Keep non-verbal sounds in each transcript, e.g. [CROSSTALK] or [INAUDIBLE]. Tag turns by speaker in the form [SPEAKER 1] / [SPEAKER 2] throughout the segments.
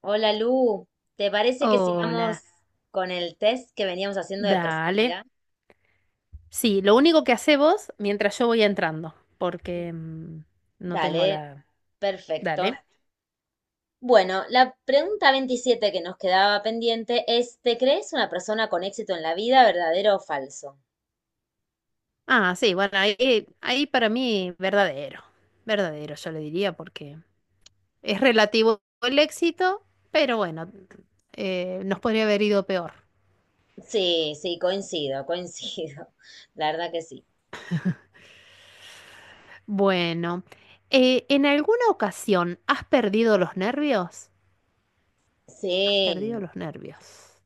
[SPEAKER 1] Hola Lu, ¿te parece que sigamos
[SPEAKER 2] Hola,
[SPEAKER 1] con el test que veníamos haciendo de
[SPEAKER 2] dale.
[SPEAKER 1] personalidad?
[SPEAKER 2] Sí, lo único que hace vos mientras yo voy entrando, porque no tengo
[SPEAKER 1] Dale,
[SPEAKER 2] la...
[SPEAKER 1] perfecto.
[SPEAKER 2] Dale.
[SPEAKER 1] Bueno, la pregunta 27 que nos quedaba pendiente es, ¿te crees una persona con éxito en la vida, verdadero o falso?
[SPEAKER 2] Ah, sí, bueno, ahí, ahí para mí verdadero, verdadero, yo le diría, porque es relativo el éxito, pero bueno, nos podría haber ido peor.
[SPEAKER 1] Sí, sí, coincido, coincido. [LAUGHS] La verdad que sí.
[SPEAKER 2] Bueno, ¿en alguna ocasión has perdido los nervios? Has perdido
[SPEAKER 1] Sí,
[SPEAKER 2] los nervios.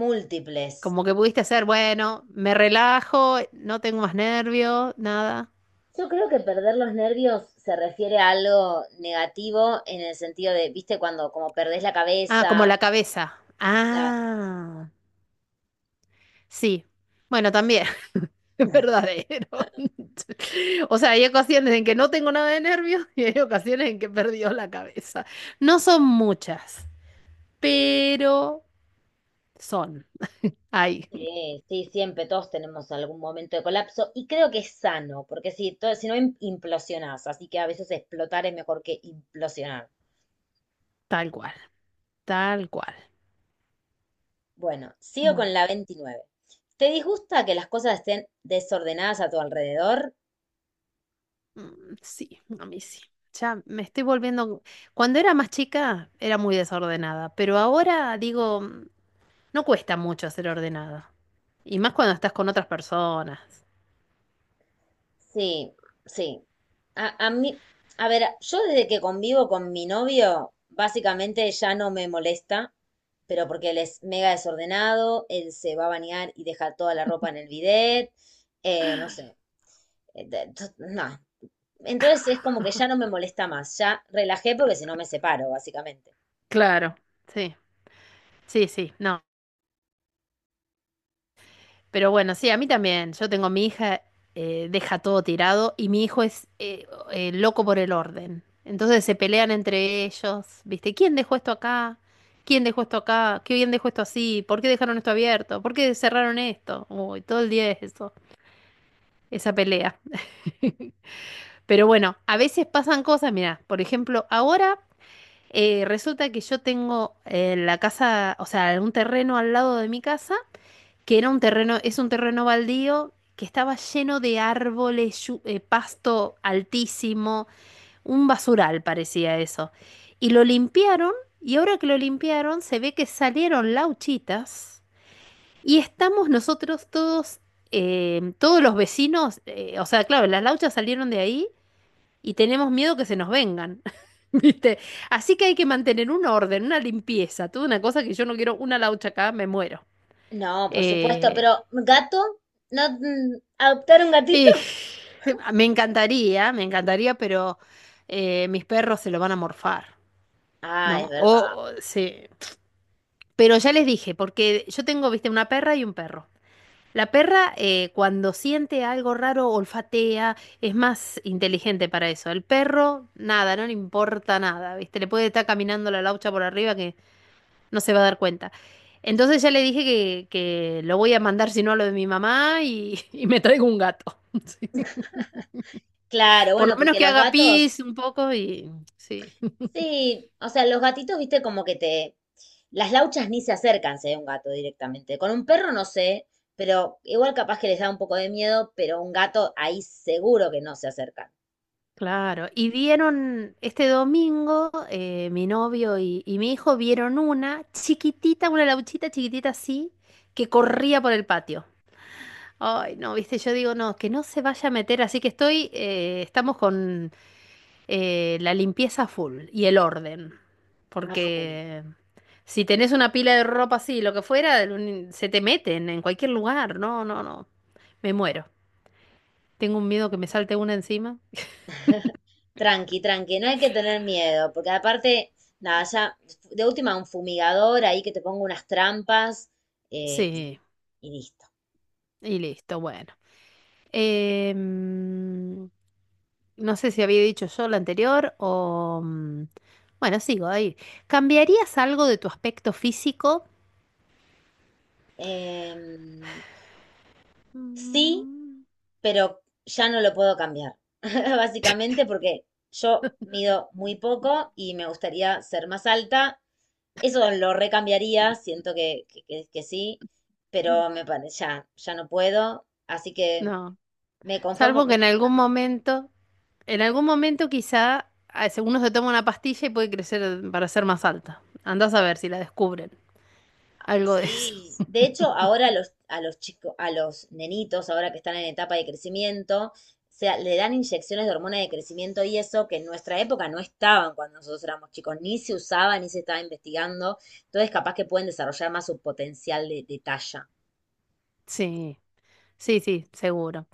[SPEAKER 1] múltiples.
[SPEAKER 2] Como que pudiste hacer, bueno, me relajo, no tengo más nervios, nada.
[SPEAKER 1] Yo creo que perder los nervios se refiere a algo negativo en el sentido de, viste, cuando como perdés la
[SPEAKER 2] Ah, como
[SPEAKER 1] cabeza,
[SPEAKER 2] la cabeza.
[SPEAKER 1] claro.
[SPEAKER 2] Ah, sí. Bueno, también, [LAUGHS] es verdadero. [LAUGHS] O sea, hay ocasiones en que no tengo nada de nervios y hay ocasiones en que he perdido la cabeza. No son muchas, pero son. Ay,
[SPEAKER 1] Sí, sí, siempre todos tenemos algún momento de colapso y creo que es sano, porque si, si no implosionás, así que a veces explotar es mejor que implosionar.
[SPEAKER 2] tal cual, tal cual.
[SPEAKER 1] Bueno, sigo con
[SPEAKER 2] Bueno.
[SPEAKER 1] la 29. ¿Te disgusta que las cosas estén desordenadas a tu alrededor?
[SPEAKER 2] Sí, a mí sí. Ya me estoy volviendo. Cuando era más chica era muy desordenada, pero ahora digo, no cuesta mucho ser ordenada. Y más cuando estás con otras personas.
[SPEAKER 1] Sí, sí. A mí, a ver, yo desde que convivo con mi novio, básicamente ya no me molesta, pero porque él es mega desordenado, él se va a bañar y deja toda la ropa en el bidet, no sé. No. Entonces es como que ya no me molesta más, ya relajé porque si no me separo, básicamente.
[SPEAKER 2] Claro, sí, sí, sí. No. Pero bueno, sí, a mí también. Yo tengo mi hija, deja todo tirado y mi hijo es loco por el orden. Entonces se pelean entre ellos, ¿viste? ¿Quién dejó esto acá? ¿Quién dejó esto acá? ¿Qué bien dejó esto así? ¿Por qué dejaron esto abierto? ¿Por qué cerraron esto? Uy, todo el día es eso, esa pelea. [LAUGHS] Pero bueno, a veces pasan cosas, mira, por ejemplo, ahora resulta que yo tengo la casa, o sea, un terreno al lado de mi casa que era un terreno, es un terreno baldío que estaba lleno de árboles, pasto altísimo, un basural parecía eso. Y lo limpiaron y ahora que lo limpiaron se ve que salieron lauchitas y estamos nosotros todos, todos los vecinos, o sea, claro, las lauchas salieron de ahí y tenemos miedo que se nos vengan. [LAUGHS] ¿Viste? Así que hay que mantener un orden, una limpieza, toda una cosa que yo no quiero, una laucha acá, me muero.
[SPEAKER 1] No, por supuesto,
[SPEAKER 2] Eh,
[SPEAKER 1] pero gato, ¿no adoptar un gatito?
[SPEAKER 2] Y [LAUGHS] me encantaría, pero mis perros se lo van a morfar,
[SPEAKER 1] Ah, es
[SPEAKER 2] ¿no?
[SPEAKER 1] verdad.
[SPEAKER 2] O se- Pero ya les dije, porque yo tengo, viste, una perra y un perro. La perra, cuando siente algo raro, olfatea, es más inteligente para eso. El perro, nada, no le importa nada, viste, le puede estar caminando la laucha por arriba que no se va a dar cuenta. Entonces ya le dije que lo voy a mandar, si no, a lo de mi mamá y, [LAUGHS] y me traigo un gato. [LAUGHS] Sí.
[SPEAKER 1] Claro,
[SPEAKER 2] Por lo
[SPEAKER 1] bueno,
[SPEAKER 2] menos
[SPEAKER 1] porque
[SPEAKER 2] que
[SPEAKER 1] los
[SPEAKER 2] haga
[SPEAKER 1] gatos,
[SPEAKER 2] pis un poco y sí, [LAUGHS]
[SPEAKER 1] sí, o sea, los gatitos, viste, como que te... Las lauchas ni se acercan si hay un gato directamente. Con un perro no sé, pero igual capaz que les da un poco de miedo, pero un gato ahí seguro que no se acercan.
[SPEAKER 2] claro. Y vieron este domingo, mi novio y mi hijo vieron una chiquitita, una lauchita chiquitita así, que corría por el patio. Ay, no, viste, yo digo, no, que no se vaya a meter, así que estoy, estamos con la limpieza full y el orden.
[SPEAKER 1] A full.
[SPEAKER 2] Porque si tenés una pila de ropa así, lo que fuera, un- se te meten en cualquier lugar. No, no, no. Me muero. Tengo un miedo que me salte una encima.
[SPEAKER 1] Tranqui, tranqui, no hay que tener miedo, porque aparte, nada, ya de última un fumigador ahí que te ponga unas trampas eh, y,
[SPEAKER 2] Sí,
[SPEAKER 1] y listo.
[SPEAKER 2] y listo, bueno. Em, no sé si había dicho yo la anterior o... bueno, sigo ahí. ¿Cambiarías algo de tu aspecto físico?
[SPEAKER 1] Em, sí,
[SPEAKER 2] Mm,
[SPEAKER 1] pero ya no lo puedo cambiar, [LAUGHS] básicamente porque yo mido muy poco y me gustaría ser más alta. Eso lo recambiaría, siento que, que sí, pero me parece, ya, ya no puedo, así que
[SPEAKER 2] No,
[SPEAKER 1] me conformo
[SPEAKER 2] salvo que
[SPEAKER 1] con
[SPEAKER 2] en algún momento quizá a- uno se toma una pastilla y puede crecer para ser más alta. Andás a ver si la descubren. Algo de eso.
[SPEAKER 1] sí,
[SPEAKER 2] [LAUGHS]
[SPEAKER 1] de hecho, ahora a a los chicos, a los nenitos, ahora que están en etapa de crecimiento, se, le dan inyecciones de hormona de crecimiento y eso que en nuestra época no estaban cuando nosotros éramos chicos, ni se usaba, ni se estaba investigando. Entonces, capaz que pueden desarrollar más su potencial de talla.
[SPEAKER 2] Sí, sí, sí, seguro.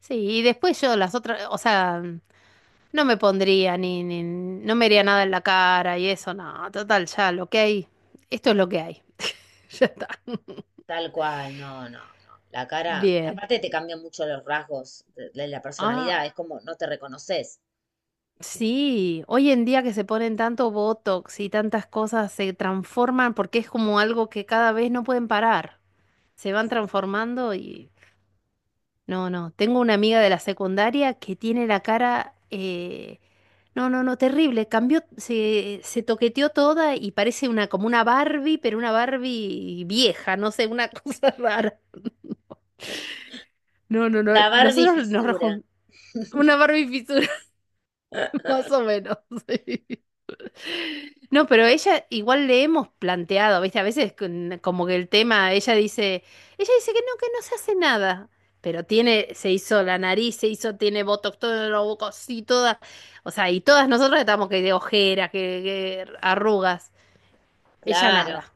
[SPEAKER 2] Sí, y después yo las otras, o sea, no me pondría ni, ni, no me haría nada en la cara y eso, no, total, ya lo que hay, esto es lo que hay, [LAUGHS] ya está.
[SPEAKER 1] Tal cual, no, no, no. La cara,
[SPEAKER 2] Bien.
[SPEAKER 1] aparte te cambian mucho los rasgos de la
[SPEAKER 2] Ah,
[SPEAKER 1] personalidad, es como no te reconoces.
[SPEAKER 2] sí, hoy en día que se ponen tanto botox y tantas cosas se transforman porque es como algo que cada vez no pueden parar, se van transformando y no, no. Tengo una amiga de la secundaria que tiene la cara... no, no, no, terrible. Cambió, se toqueteó toda y parece una como una Barbie, pero una Barbie vieja, no sé, una [LAUGHS] cosa rara. No, no, no.
[SPEAKER 1] La Barbie
[SPEAKER 2] Nosotros nos
[SPEAKER 1] fisura.
[SPEAKER 2] rejuntamos. Una Barbie fisura, [LAUGHS] más
[SPEAKER 1] [LAUGHS]
[SPEAKER 2] o menos. [LAUGHS] No, pero ella igual le hemos planteado, ¿viste? A veces con- como que el tema, ella dice que no se hace nada, pero tiene, se hizo la nariz, se hizo, tiene botox, todo lo bocos y todas, o sea, y todas nosotras estamos que de ojeras, que arrugas, ella
[SPEAKER 1] Claro.
[SPEAKER 2] nada,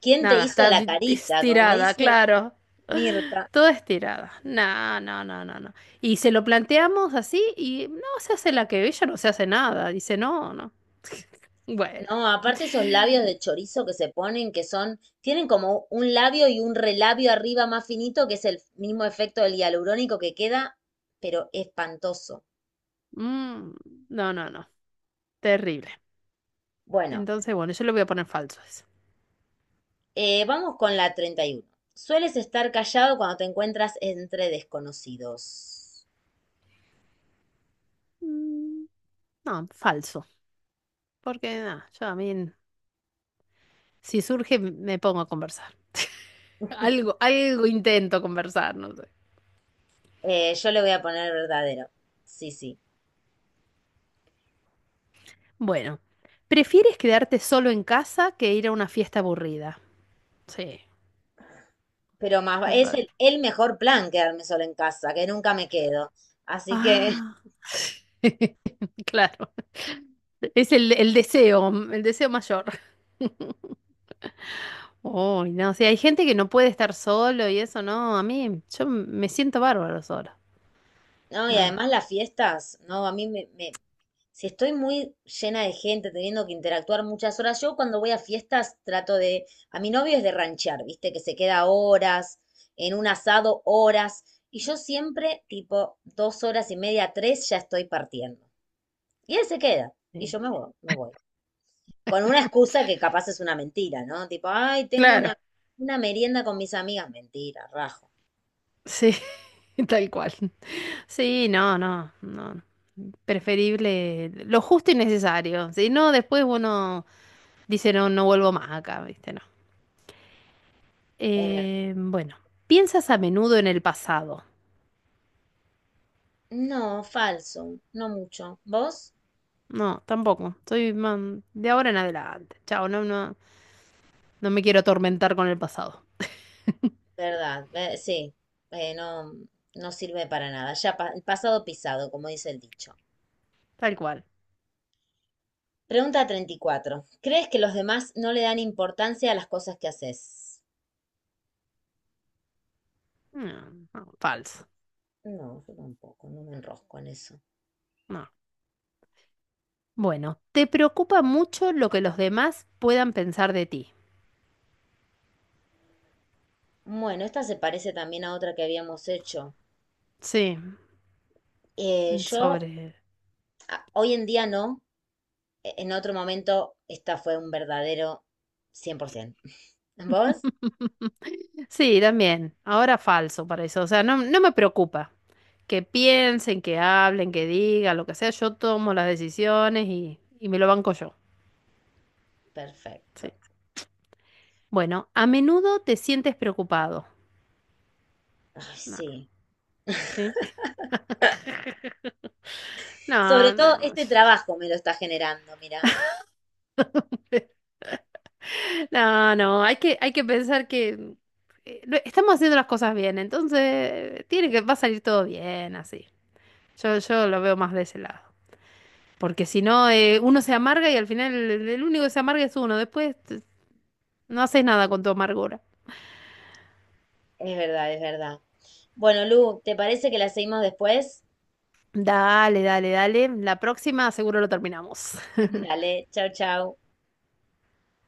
[SPEAKER 1] ¿Quién te
[SPEAKER 2] nada,
[SPEAKER 1] hizo
[SPEAKER 2] está
[SPEAKER 1] la
[SPEAKER 2] di-
[SPEAKER 1] carita? Como
[SPEAKER 2] estirada,
[SPEAKER 1] dice
[SPEAKER 2] claro.
[SPEAKER 1] Mirta.
[SPEAKER 2] Toda estirada. No, no, no, no, no. Y se lo planteamos así y no se hace la que ella no se hace nada. Dice, no, no. [LAUGHS] Bueno.
[SPEAKER 1] No, aparte esos labios de chorizo que se ponen, que son, tienen como un labio y un relabio arriba más finito, que es el mismo efecto del hialurónico que queda, pero espantoso.
[SPEAKER 2] Mm, no, no, no. Terrible.
[SPEAKER 1] Bueno,
[SPEAKER 2] Entonces, bueno, yo le voy a poner falso a eso.
[SPEAKER 1] vamos con la 31. Sueles estar callado cuando te encuentras entre desconocidos.
[SPEAKER 2] Mm, no, falso. Porque nada, yo a mí, si surge, me pongo a conversar. Algo, algo intento conversar, no sé.
[SPEAKER 1] Yo le voy a poner verdadero. Sí, sí.
[SPEAKER 2] Bueno, ¿prefieres quedarte solo en casa que ir a una fiesta aburrida? Sí,
[SPEAKER 1] Pero más, es
[SPEAKER 2] verdadero.
[SPEAKER 1] el mejor plan quedarme sola en casa, que nunca me quedo. Así que,
[SPEAKER 2] Ah. [LAUGHS] Claro, es el deseo, el deseo mayor. [LAUGHS] Uy, no, o sea, hay gente que no puede estar solo y eso, no, a mí, yo me siento bárbaro solo.
[SPEAKER 1] [LAUGHS] no, y
[SPEAKER 2] No,
[SPEAKER 1] además las fiestas, no, a mí si estoy muy llena de gente, teniendo que interactuar muchas horas, yo cuando voy a fiestas trato de, a mi novio es de ranchear, viste, que se queda horas, en un asado horas, y yo siempre, tipo, dos horas y media, tres, ya estoy partiendo. Y él se queda, y
[SPEAKER 2] sí.
[SPEAKER 1] yo me voy, me voy con una excusa que capaz es una mentira, ¿no? Tipo, ay, tengo
[SPEAKER 2] Claro,
[SPEAKER 1] una merienda con mis amigas. Mentira, rajo.
[SPEAKER 2] sí, [LAUGHS] tal cual. Sí, no, no, no. Preferible lo justo y necesario. Si no, después uno dice, no, no vuelvo más acá, ¿viste? No.
[SPEAKER 1] Es verdad.
[SPEAKER 2] Bueno, ¿piensas a menudo en el pasado?
[SPEAKER 1] No, falso, no mucho. ¿Vos?
[SPEAKER 2] No, tampoco. Soy más de ahora en adelante. Chao, no, no, no me quiero atormentar con el pasado.
[SPEAKER 1] Verdad, sí, no, no sirve para nada. El pasado pisado, como dice el dicho.
[SPEAKER 2] Tal cual.
[SPEAKER 1] Pregunta 34. ¿Crees que los demás no le dan importancia a las cosas que haces?
[SPEAKER 2] No, no, falso.
[SPEAKER 1] No, yo tampoco, no me enrosco en eso.
[SPEAKER 2] No. Bueno, ¿te preocupa mucho lo que los demás puedan pensar de ti?
[SPEAKER 1] Bueno, esta se parece también a otra que habíamos hecho.
[SPEAKER 2] Sí,
[SPEAKER 1] Yo
[SPEAKER 2] sobre...
[SPEAKER 1] hoy en día no, en otro momento, esta fue un verdadero 100%. [LAUGHS] ¿Vos?
[SPEAKER 2] [LAUGHS] Sí, también. Ahora falso para eso. O sea, no, no me preocupa que piensen, que hablen, que digan, lo que sea. Yo tomo las decisiones y me lo banco yo.
[SPEAKER 1] Perfecto.
[SPEAKER 2] Sí. Bueno, a menudo te sientes preocupado.
[SPEAKER 1] Ay,
[SPEAKER 2] No,
[SPEAKER 1] sí.
[SPEAKER 2] ¿sí?
[SPEAKER 1] Sobre
[SPEAKER 2] No,
[SPEAKER 1] todo
[SPEAKER 2] no,
[SPEAKER 1] este trabajo me lo está generando, mira.
[SPEAKER 2] no, no, hay que pensar que lo- estamos haciendo las cosas bien, entonces tiene que, va a salir todo bien, así. Yo lo veo más de ese lado. Porque si no, uno se amarga y al final el único que se amarga es uno. Después t- no haces nada con tu amargura.
[SPEAKER 1] Es verdad, es verdad. Bueno, Lu, ¿te parece que la seguimos después?
[SPEAKER 2] Dale, dale, dale. La próxima seguro lo terminamos.
[SPEAKER 1] Dale, chau, chau.